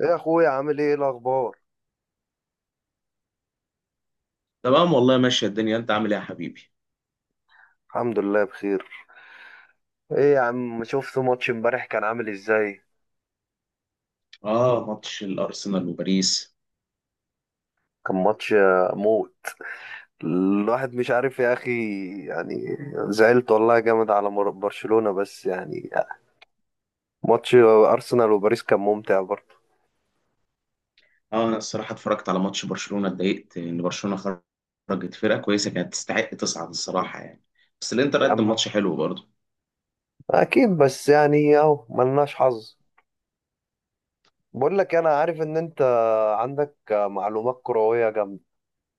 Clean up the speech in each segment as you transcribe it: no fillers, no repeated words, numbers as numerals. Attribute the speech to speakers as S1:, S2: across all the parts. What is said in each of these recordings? S1: ايه يا اخويا، عامل ايه الاخبار؟
S2: تمام والله، ماشية الدنيا. انت عامل ايه يا حبيبي؟
S1: الحمد لله بخير. ايه يا عم، شفت ماتش امبارح؟ كان عامل ازاي؟
S2: اه، ماتش الارسنال وباريس.
S1: كان ماتش موت. الواحد مش عارف يا اخي، يعني زعلت والله جامد على برشلونة، بس يعني ماتش ارسنال وباريس كان ممتع برضه.
S2: اه انا الصراحة اتفرجت على ماتش برشلونة، اتضايقت ان برشلونة خرجت. فرقة كويسة كانت تستحق تصعد الصراحة يعني. بس الانتر
S1: يا
S2: قدم
S1: عم
S2: ماتش حلو برضه.
S1: اكيد، بس يعني اهو ملناش حظ. بقول لك، انا عارف ان انت عندك معلومات كروية جامدة.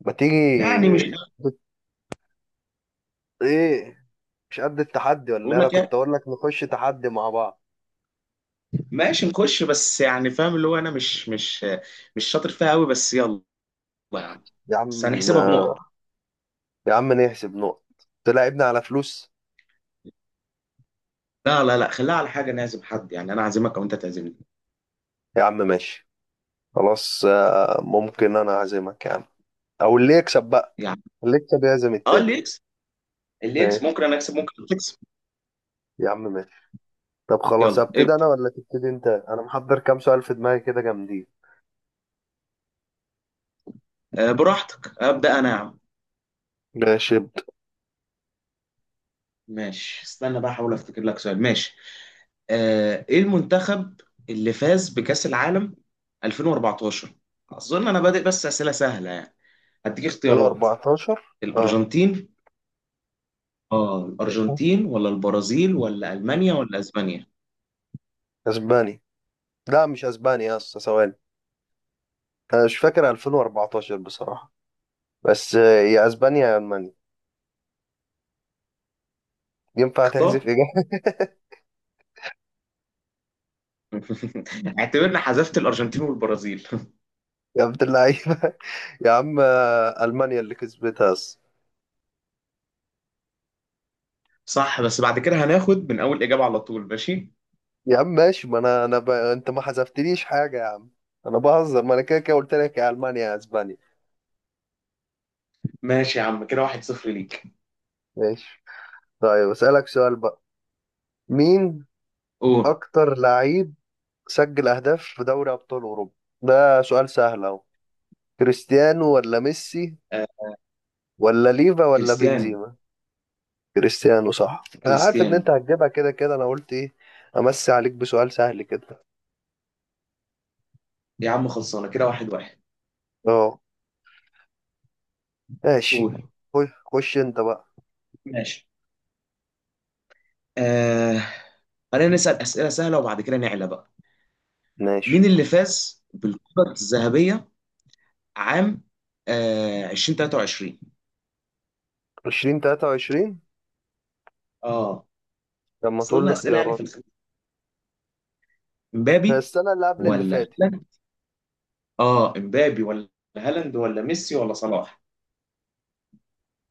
S1: ما
S2: يعني مش
S1: تيجي؟ ايه، مش قد التحدي ولا إيه؟
S2: بقول
S1: انا
S2: لك
S1: كنت
S2: يعني
S1: اقول لك نخش تحدي مع بعض.
S2: ماشي نخش، بس يعني فاهم اللي هو انا مش مش شاطر فيها قوي، بس يلا يا عم.
S1: يا
S2: بس
S1: عم،
S2: هنحسبها بنقط.
S1: يا عم نحسب نقط؟ تلاعبني على فلوس؟
S2: لا لا لا، خليها على حاجة، نعزم حد. يعني انا اعزمك او انت تعزمني.
S1: يا عم ماشي، خلاص. ممكن انا اعزمك يا عم، او اللي يكسب بقى،
S2: يعني
S1: اللي يكسب يعزم
S2: اه،
S1: التاني.
S2: اللي يكسب، اللي يكسب
S1: ماشي
S2: ممكن انا اكسب، ممكن انت تكسب.
S1: يا عم، ماشي. طب خلاص،
S2: يلا
S1: ابتدي انا
S2: ابدا.
S1: ولا تبتدي انت؟ انا محضر كام سؤال في دماغي كده جامدين.
S2: آه براحتك، ابدا انا يا عم.
S1: ماشي، ابدأ.
S2: ماشي، استنى بقى احاول افتكر لك سؤال. ماشي، ايه المنتخب اللي فاز بكأس العالم 2014؟ اظن انا بادئ بس اسئله سهله يعني. هديك اختيارات.
S1: 2014، اه.
S2: الارجنتين، اه الارجنتين ولا البرازيل ولا المانيا ولا اسبانيا؟
S1: اسباني. لا مش اسباني يا اسطى، ثواني. انا مش فاكر 2014 بصراحة، بس يا اسبانيا يا المانيا. ينفع تحذف
S2: اختار.
S1: اجابة؟
S2: اعتبرنا حذفت الارجنتين والبرازيل.
S1: يا عبد اللعيبة يا عم ألمانيا اللي كسبتها أصلا.
S2: صح، بس بعد كده هناخد من اول اجابه على طول. ماشي،
S1: يا عم ماشي، ما أنا أنا أنت ما حذفتليش حاجة يا عم، أنا بهزر، ما أنا كده كده قلت لك يا ألمانيا يا أسبانيا.
S2: ماشي يا عم، كده واحد صفر ليك.
S1: ماشي. طيب أسألك سؤال بقى، مين
S2: قول.
S1: أكتر لعيب سجل أهداف في دوري أبطال أوروبا؟ ده سؤال سهل أهو. كريستيانو ولا ميسي
S2: آه
S1: ولا ليفا ولا
S2: كريستيان،
S1: بنزيما؟ كريستيانو صح، أنا عارف إن أنت
S2: كريستيان.
S1: هتجيبها، كده كده أنا قلت إيه أمسي عليك بسؤال سهل كده.
S2: يا عم خلصانه، كده واحد واحد.
S1: أه، ماشي.
S2: قول.
S1: خش خش أنت بقى.
S2: ماشي. آه... خلينا نسأل أسئلة سهلة وبعد كده نعلى بقى.
S1: ماشي.
S2: مين اللي فاز بالكرة الذهبية عام 2023؟
S1: 2023.
S2: اه.
S1: لما تقول لي
S2: صرنا أسئلة يعني في
S1: اختيارات.
S2: الخ...
S1: هي
S2: مبابي
S1: السنة اللي قبل اللي
S2: ولا
S1: فاتت.
S2: هالاند؟ اه مبابي ولا هالاند ولا ميسي ولا صلاح؟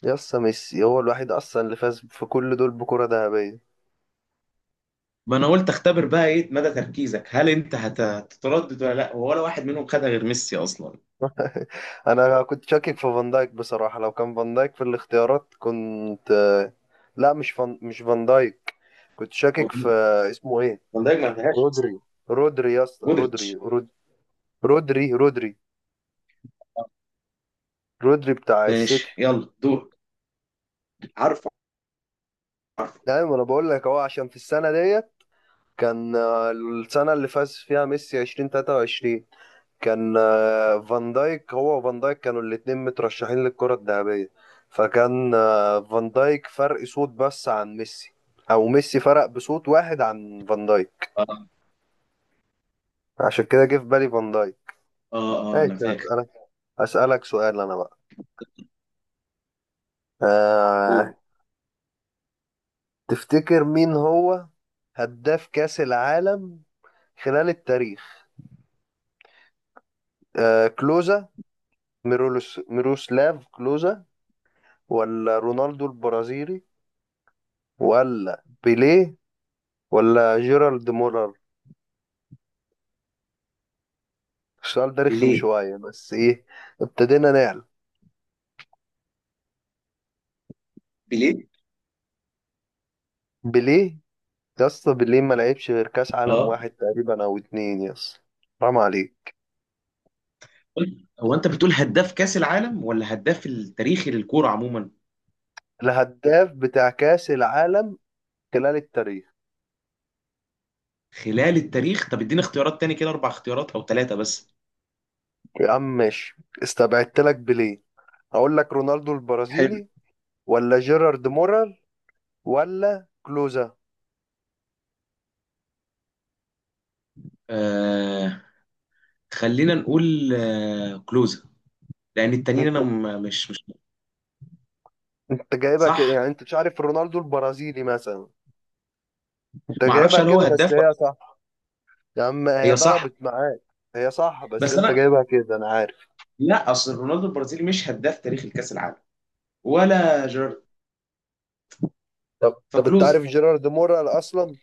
S1: يسا ميسي هو الوحيد أصلا اللي فاز في كل دول بكرة ذهبية.
S2: ما انا قلت اختبر بقى ايه مدى تركيزك. هل انت هتتردد ولا لا؟ ولا واحد منهم خدها غير ميسي اصلا.
S1: أنا كنت شاكك في فان دايك بصراحة، لو كان فان دايك في الاختيارات كنت. لا، مش فان دايك، كنت شاكك في، اسمه إيه؟
S2: فان دايك ما فيهاش.
S1: رودري. رودري يا اسطى،
S2: مودريتش.
S1: رودري، رودري بتاع السيتي.
S2: ماشي، يلا دور. عارفه، عارفه.
S1: دايما أنا بقول لك أهو، عشان في السنة ديت كان السنة اللي فاز فيها ميسي 2023، كان فان دايك، هو وفان دايك كانوا الاتنين مترشحين للكرة الذهبية، فكان فان دايك فرق صوت بس عن ميسي، او ميسي فرق بصوت واحد عن فان دايك.
S2: اه
S1: عشان كده جه في بالي فان دايك.
S2: اه
S1: ماشي،
S2: انا فاكر.
S1: هسألك، هسألك سؤال انا بقى. أه...
S2: قول.
S1: تفتكر مين هو هداف كأس العالم خلال التاريخ؟ كلوزا، ميروسلاف كلوزا، ولا رونالدو البرازيلي، ولا بيليه، ولا جيرالد مولر؟ السؤال ده رخم
S2: بيليه،
S1: شوية، بس ايه، ابتدينا نعلم.
S2: بيليه.
S1: بليه؟ يا اسطى بليه ما لعبش غير كاس عالم
S2: اه،
S1: واحد تقريبا او اتنين يا اسطى، حرام عليك.
S2: هو انت بتقول هداف كاس العالم ولا هداف التاريخي للكوره عموما؟
S1: الهداف بتاع كاس العالم خلال التاريخ.
S2: خلال التاريخ؟ طب اديني اختيارات تاني، كده اربع اختيارات او ثلاثه بس.
S1: يا عم ماشي، استبعدت لك بليه. اقول لك رونالدو
S2: حلو.
S1: البرازيلي، ولا جيرارد مولر، ولا كلوزا.
S2: آه، خلينا نقول آه كلوزا، لان التانيين
S1: انت،
S2: انا مش
S1: انت جايبها كده،
S2: صح.
S1: يعني انت مش عارف رونالدو البرازيلي مثلا، انت
S2: ما
S1: جايبها
S2: اعرفش هل هو
S1: كده، بس
S2: هداف ولا.
S1: هي صح. يا عم، هي
S2: هي صح،
S1: ضربت معاك. هي صح، بس
S2: بس
S1: انت
S2: انا
S1: جايبها كده انا عارف.
S2: لا، اصل رونالدو البرازيلي مش هداف تاريخ الكاس العالم، ولا جيرارد.
S1: طب طب، انت عارف
S2: فكلوزا.
S1: جيرارد مورال اصلا؟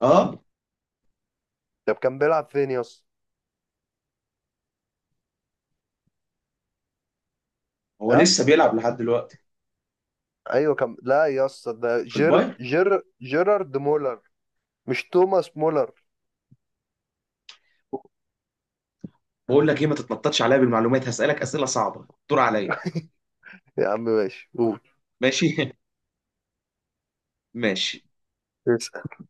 S2: اه.
S1: طب كان بيلعب فين يا اسطى؟
S2: هو
S1: ها
S2: لسه
S1: كان...
S2: بيلعب لحد دلوقتي.
S1: ايوه كان، لا يا اسطى ده
S2: في البايرن.
S1: جيرارد مولر، مش توماس مولر.
S2: بقول لك ايه، ما تتنططش عليا بالمعلومات. هسألك أسئلة صعبة، دور عليا.
S1: يا عم ماشي، قول.
S2: ماشي. ماشي.
S1: اسأل.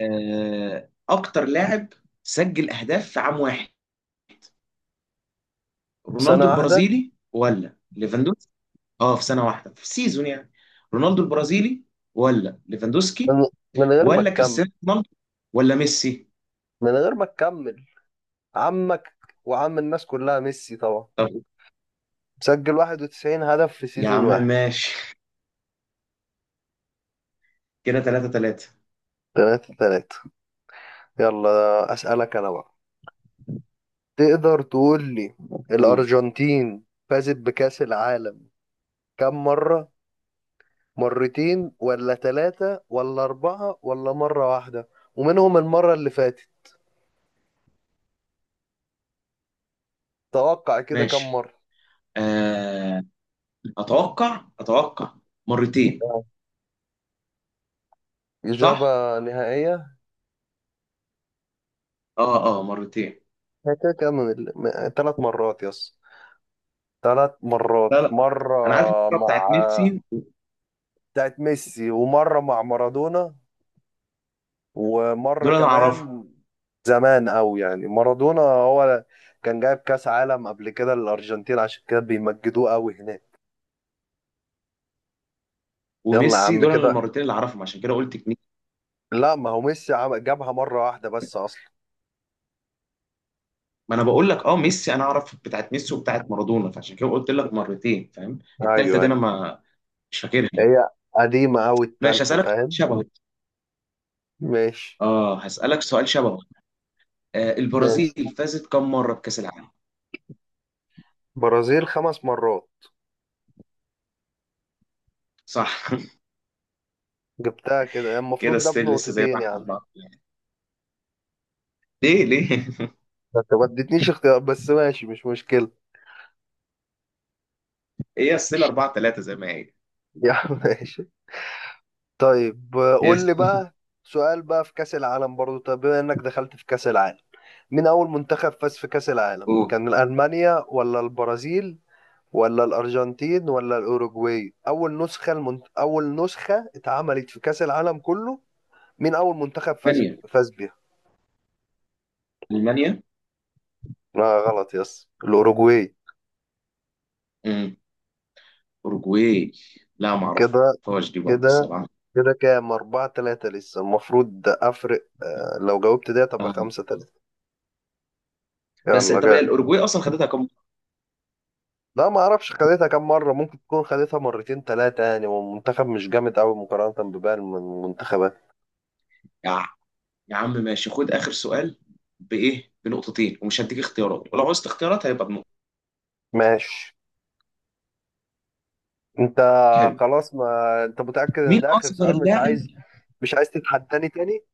S2: آه، اكتر لاعب سجل اهداف في عام واحد،
S1: سنة
S2: رونالدو
S1: واحدة؟
S2: البرازيلي ولا ليفاندوسكي؟ اه في سنة واحدة، في سيزون يعني. رونالدو البرازيلي ولا ليفاندوسكي
S1: من... من غير ما
S2: ولا
S1: تكمل.
S2: كريستيانو رونالدو ولا ميسي؟
S1: من غير ما تكمل، عمك وعم الناس كلها ميسي طبعا،
S2: طب.
S1: مسجل 91 هدف في
S2: يا
S1: سيزون
S2: عم
S1: واحد.
S2: ماشي. كده 3-3.
S1: تلاتة تلاتة. يلا أسألك أنا بقى. تقدر تقول لي
S2: قول.
S1: الأرجنتين فازت بكأس العالم كم مرة؟ مرتين ولا ثلاثة ولا أربعة ولا مرة واحدة؟ ومنهم المرة اللي فاتت. توقع كده كم
S2: ماشي.
S1: مرة؟
S2: آه، اتوقع مرتين.
S1: آه.
S2: صح،
S1: إجابة نهائية؟
S2: اه اه مرتين.
S1: هي كده كام، من ثلاث مرات يس. ثلاث مرات.
S2: لا لا،
S1: مرة
S2: انا عارف الكوره
S1: مع،
S2: بتاعت ميسي.
S1: بتاعت ميسي، ومرة مع مارادونا، ومرة
S2: دول انا اعرفها.
S1: كمان زمان أوي، يعني مارادونا هو كان جايب كأس عالم قبل كده للأرجنتين، عشان كده بيمجدوه أوي هناك. يلا يا
S2: وميسي،
S1: عم
S2: دول انا
S1: كده.
S2: المرتين اللي اعرفهم، عشان كده قلت اتنين.
S1: لا، ما هو ميسي جابها مرة واحدة بس أصلا.
S2: ما انا بقول لك اه ميسي، انا اعرف بتاعت ميسي وبتاعت مارادونا، فعشان كده قلت لك مرتين. فاهم؟
S1: أيوه
S2: التالتة دي انا
S1: أيوه،
S2: ما مش فاكرها.
S1: هي قديمة أوي
S2: ماشي
S1: التالتة،
S2: هسألك سؤال
S1: فاهم.
S2: شبهه.
S1: ماشي.
S2: اه هسألك سؤال شبهه. آه،
S1: ماشي،
S2: البرازيل فازت كم مرة بكأس العالم؟
S1: برازيل خمس مرات.
S2: صح.
S1: جبتها كده،
S2: كده
S1: المفروض ده
S2: ستيل لسه زي ما
S1: بنقطتين
S2: احنا،
S1: يعني.
S2: أربعة. ليه ليه؟
S1: ما انت ما اديتنيش اختيار، بس ماشي مش مشكلة.
S2: هي ستيل 4-3 زي ما هي.
S1: يا عم ماشي. طيب قول لي
S2: اسم.
S1: بقى سؤال بقى في كأس العالم برضو. طب بما انك دخلت في كأس العالم، مين اول منتخب فاز في كأس العالم؟
S2: قول.
S1: كان ألمانيا ولا البرازيل ولا الأرجنتين ولا الأوروجواي؟ اول نسخة اول نسخة اتعملت في كأس العالم كله، مين اول منتخب
S2: المانيا،
S1: فاز بيها؟
S2: المانيا.
S1: لا غلط، يس الأوروجواي.
S2: امم، اوروجواي. لا ما
S1: كده،
S2: اعرفهاش دي برضه
S1: كده،
S2: الصراحة.
S1: كده كام؟ أربعة تلاتة لسه. المفروض أفرق لو جاوبت ده تبقى
S2: اه.
S1: خمسة تلاتة.
S2: بس
S1: يلا
S2: طب هي
S1: جاي.
S2: الاوروجواي اصلا خدتها كام مرة؟
S1: لا، ما اعرفش خدتها كام مره، ممكن تكون خدتها مرتين ثلاثه يعني، والمنتخب مش جامد قوي مقارنه بباقي المنتخبات.
S2: يا يا عم ماشي، خد اخر سؤال بايه، بنقطتين ومش هديك اختيارات، ولو عوزت اختيارات هيبقى بنقطه.
S1: ماشي. انت،
S2: حلو.
S1: خلاص، ما انت متاكد ان
S2: مين
S1: ده اخر
S2: اصغر
S1: سؤال، مش
S2: لاعب؟
S1: عايز، مش عايز تتحداني تاني؟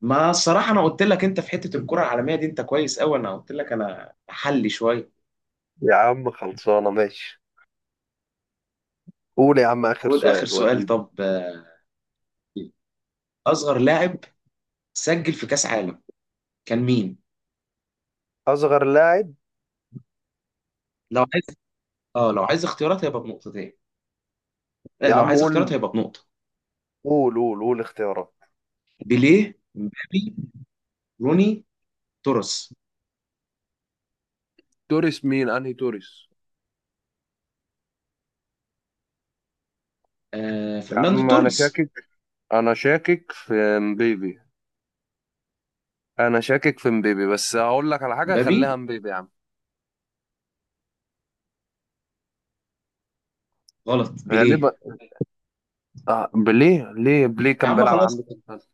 S2: ما الصراحه انا قلت لك انت في حته الكره العالميه دي انت كويس قوي، انا قلت لك انا حلي شويه.
S1: يا عم خلصانه، ماشي. قول يا عم، اخر
S2: خد اخر
S1: سؤال،
S2: سؤال.
S1: وريني.
S2: طب آه، اصغر لاعب سجل في كاس عالم كان مين؟
S1: اصغر لاعب.
S2: لو عايز، اه لو عايز اختيارات هيبقى بنقطتين، آه
S1: يا
S2: لو
S1: عم
S2: عايز اختيارات
S1: قول
S2: هيبقى بنقطه.
S1: قول قول قول اختيارات.
S2: بيليه، مبابي، روني، توريس.
S1: توريس؟ مين انهي توريس؟
S2: آه،
S1: يا
S2: فرناندو
S1: عم انا
S2: توريس.
S1: شاكك، انا شاكك في مبيبي، انا شاكك في مبيبي، بس هقول لك على حاجه، خليها
S2: مبابي.
S1: مبيبي يا عم.
S2: غلط، بيليه.
S1: غالبا. آه بليه؟ ليه، بليه
S2: يا
S1: كان
S2: عم
S1: بيلعب عندي
S2: خلاص،
S1: في الفصل.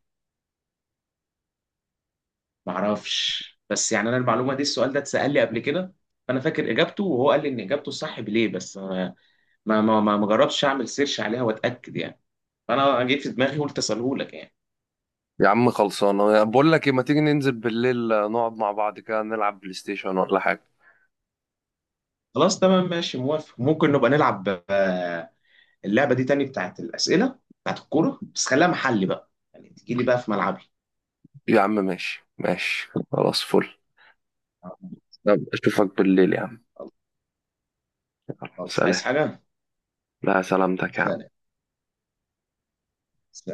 S2: ما اعرفش، بس يعني انا المعلومه دي، السؤال ده اتسال لي قبل كده، فانا فاكر اجابته، وهو قال لي ان اجابته الصح بيليه. بس ما جربتش اعمل سيرش عليها واتاكد يعني. فانا جيت في دماغي قلت اساله لك يعني.
S1: يا عم خلصانة، بقول لك ايه، ما تيجي ننزل بالليل نقعد مع بعض كده، نلعب بلاي ستيشن ولا حاجة؟
S2: خلاص تمام، ماشي موافق، ممكن نبقى نلعب آه، اللعبه دي تاني بتاعت الاسئله بتاعت الكوره، بس خليها محلي بقى يعني، تجي لي بقى في ملعبي.
S1: يا عم ماشي ماشي، خلاص فل. يلا، اشوفك بالليل يا عم.
S2: خلاص،
S1: سلام.
S2: عايز حاجه؟
S1: لا سلامتك يا عم.
S2: سلام. سلام.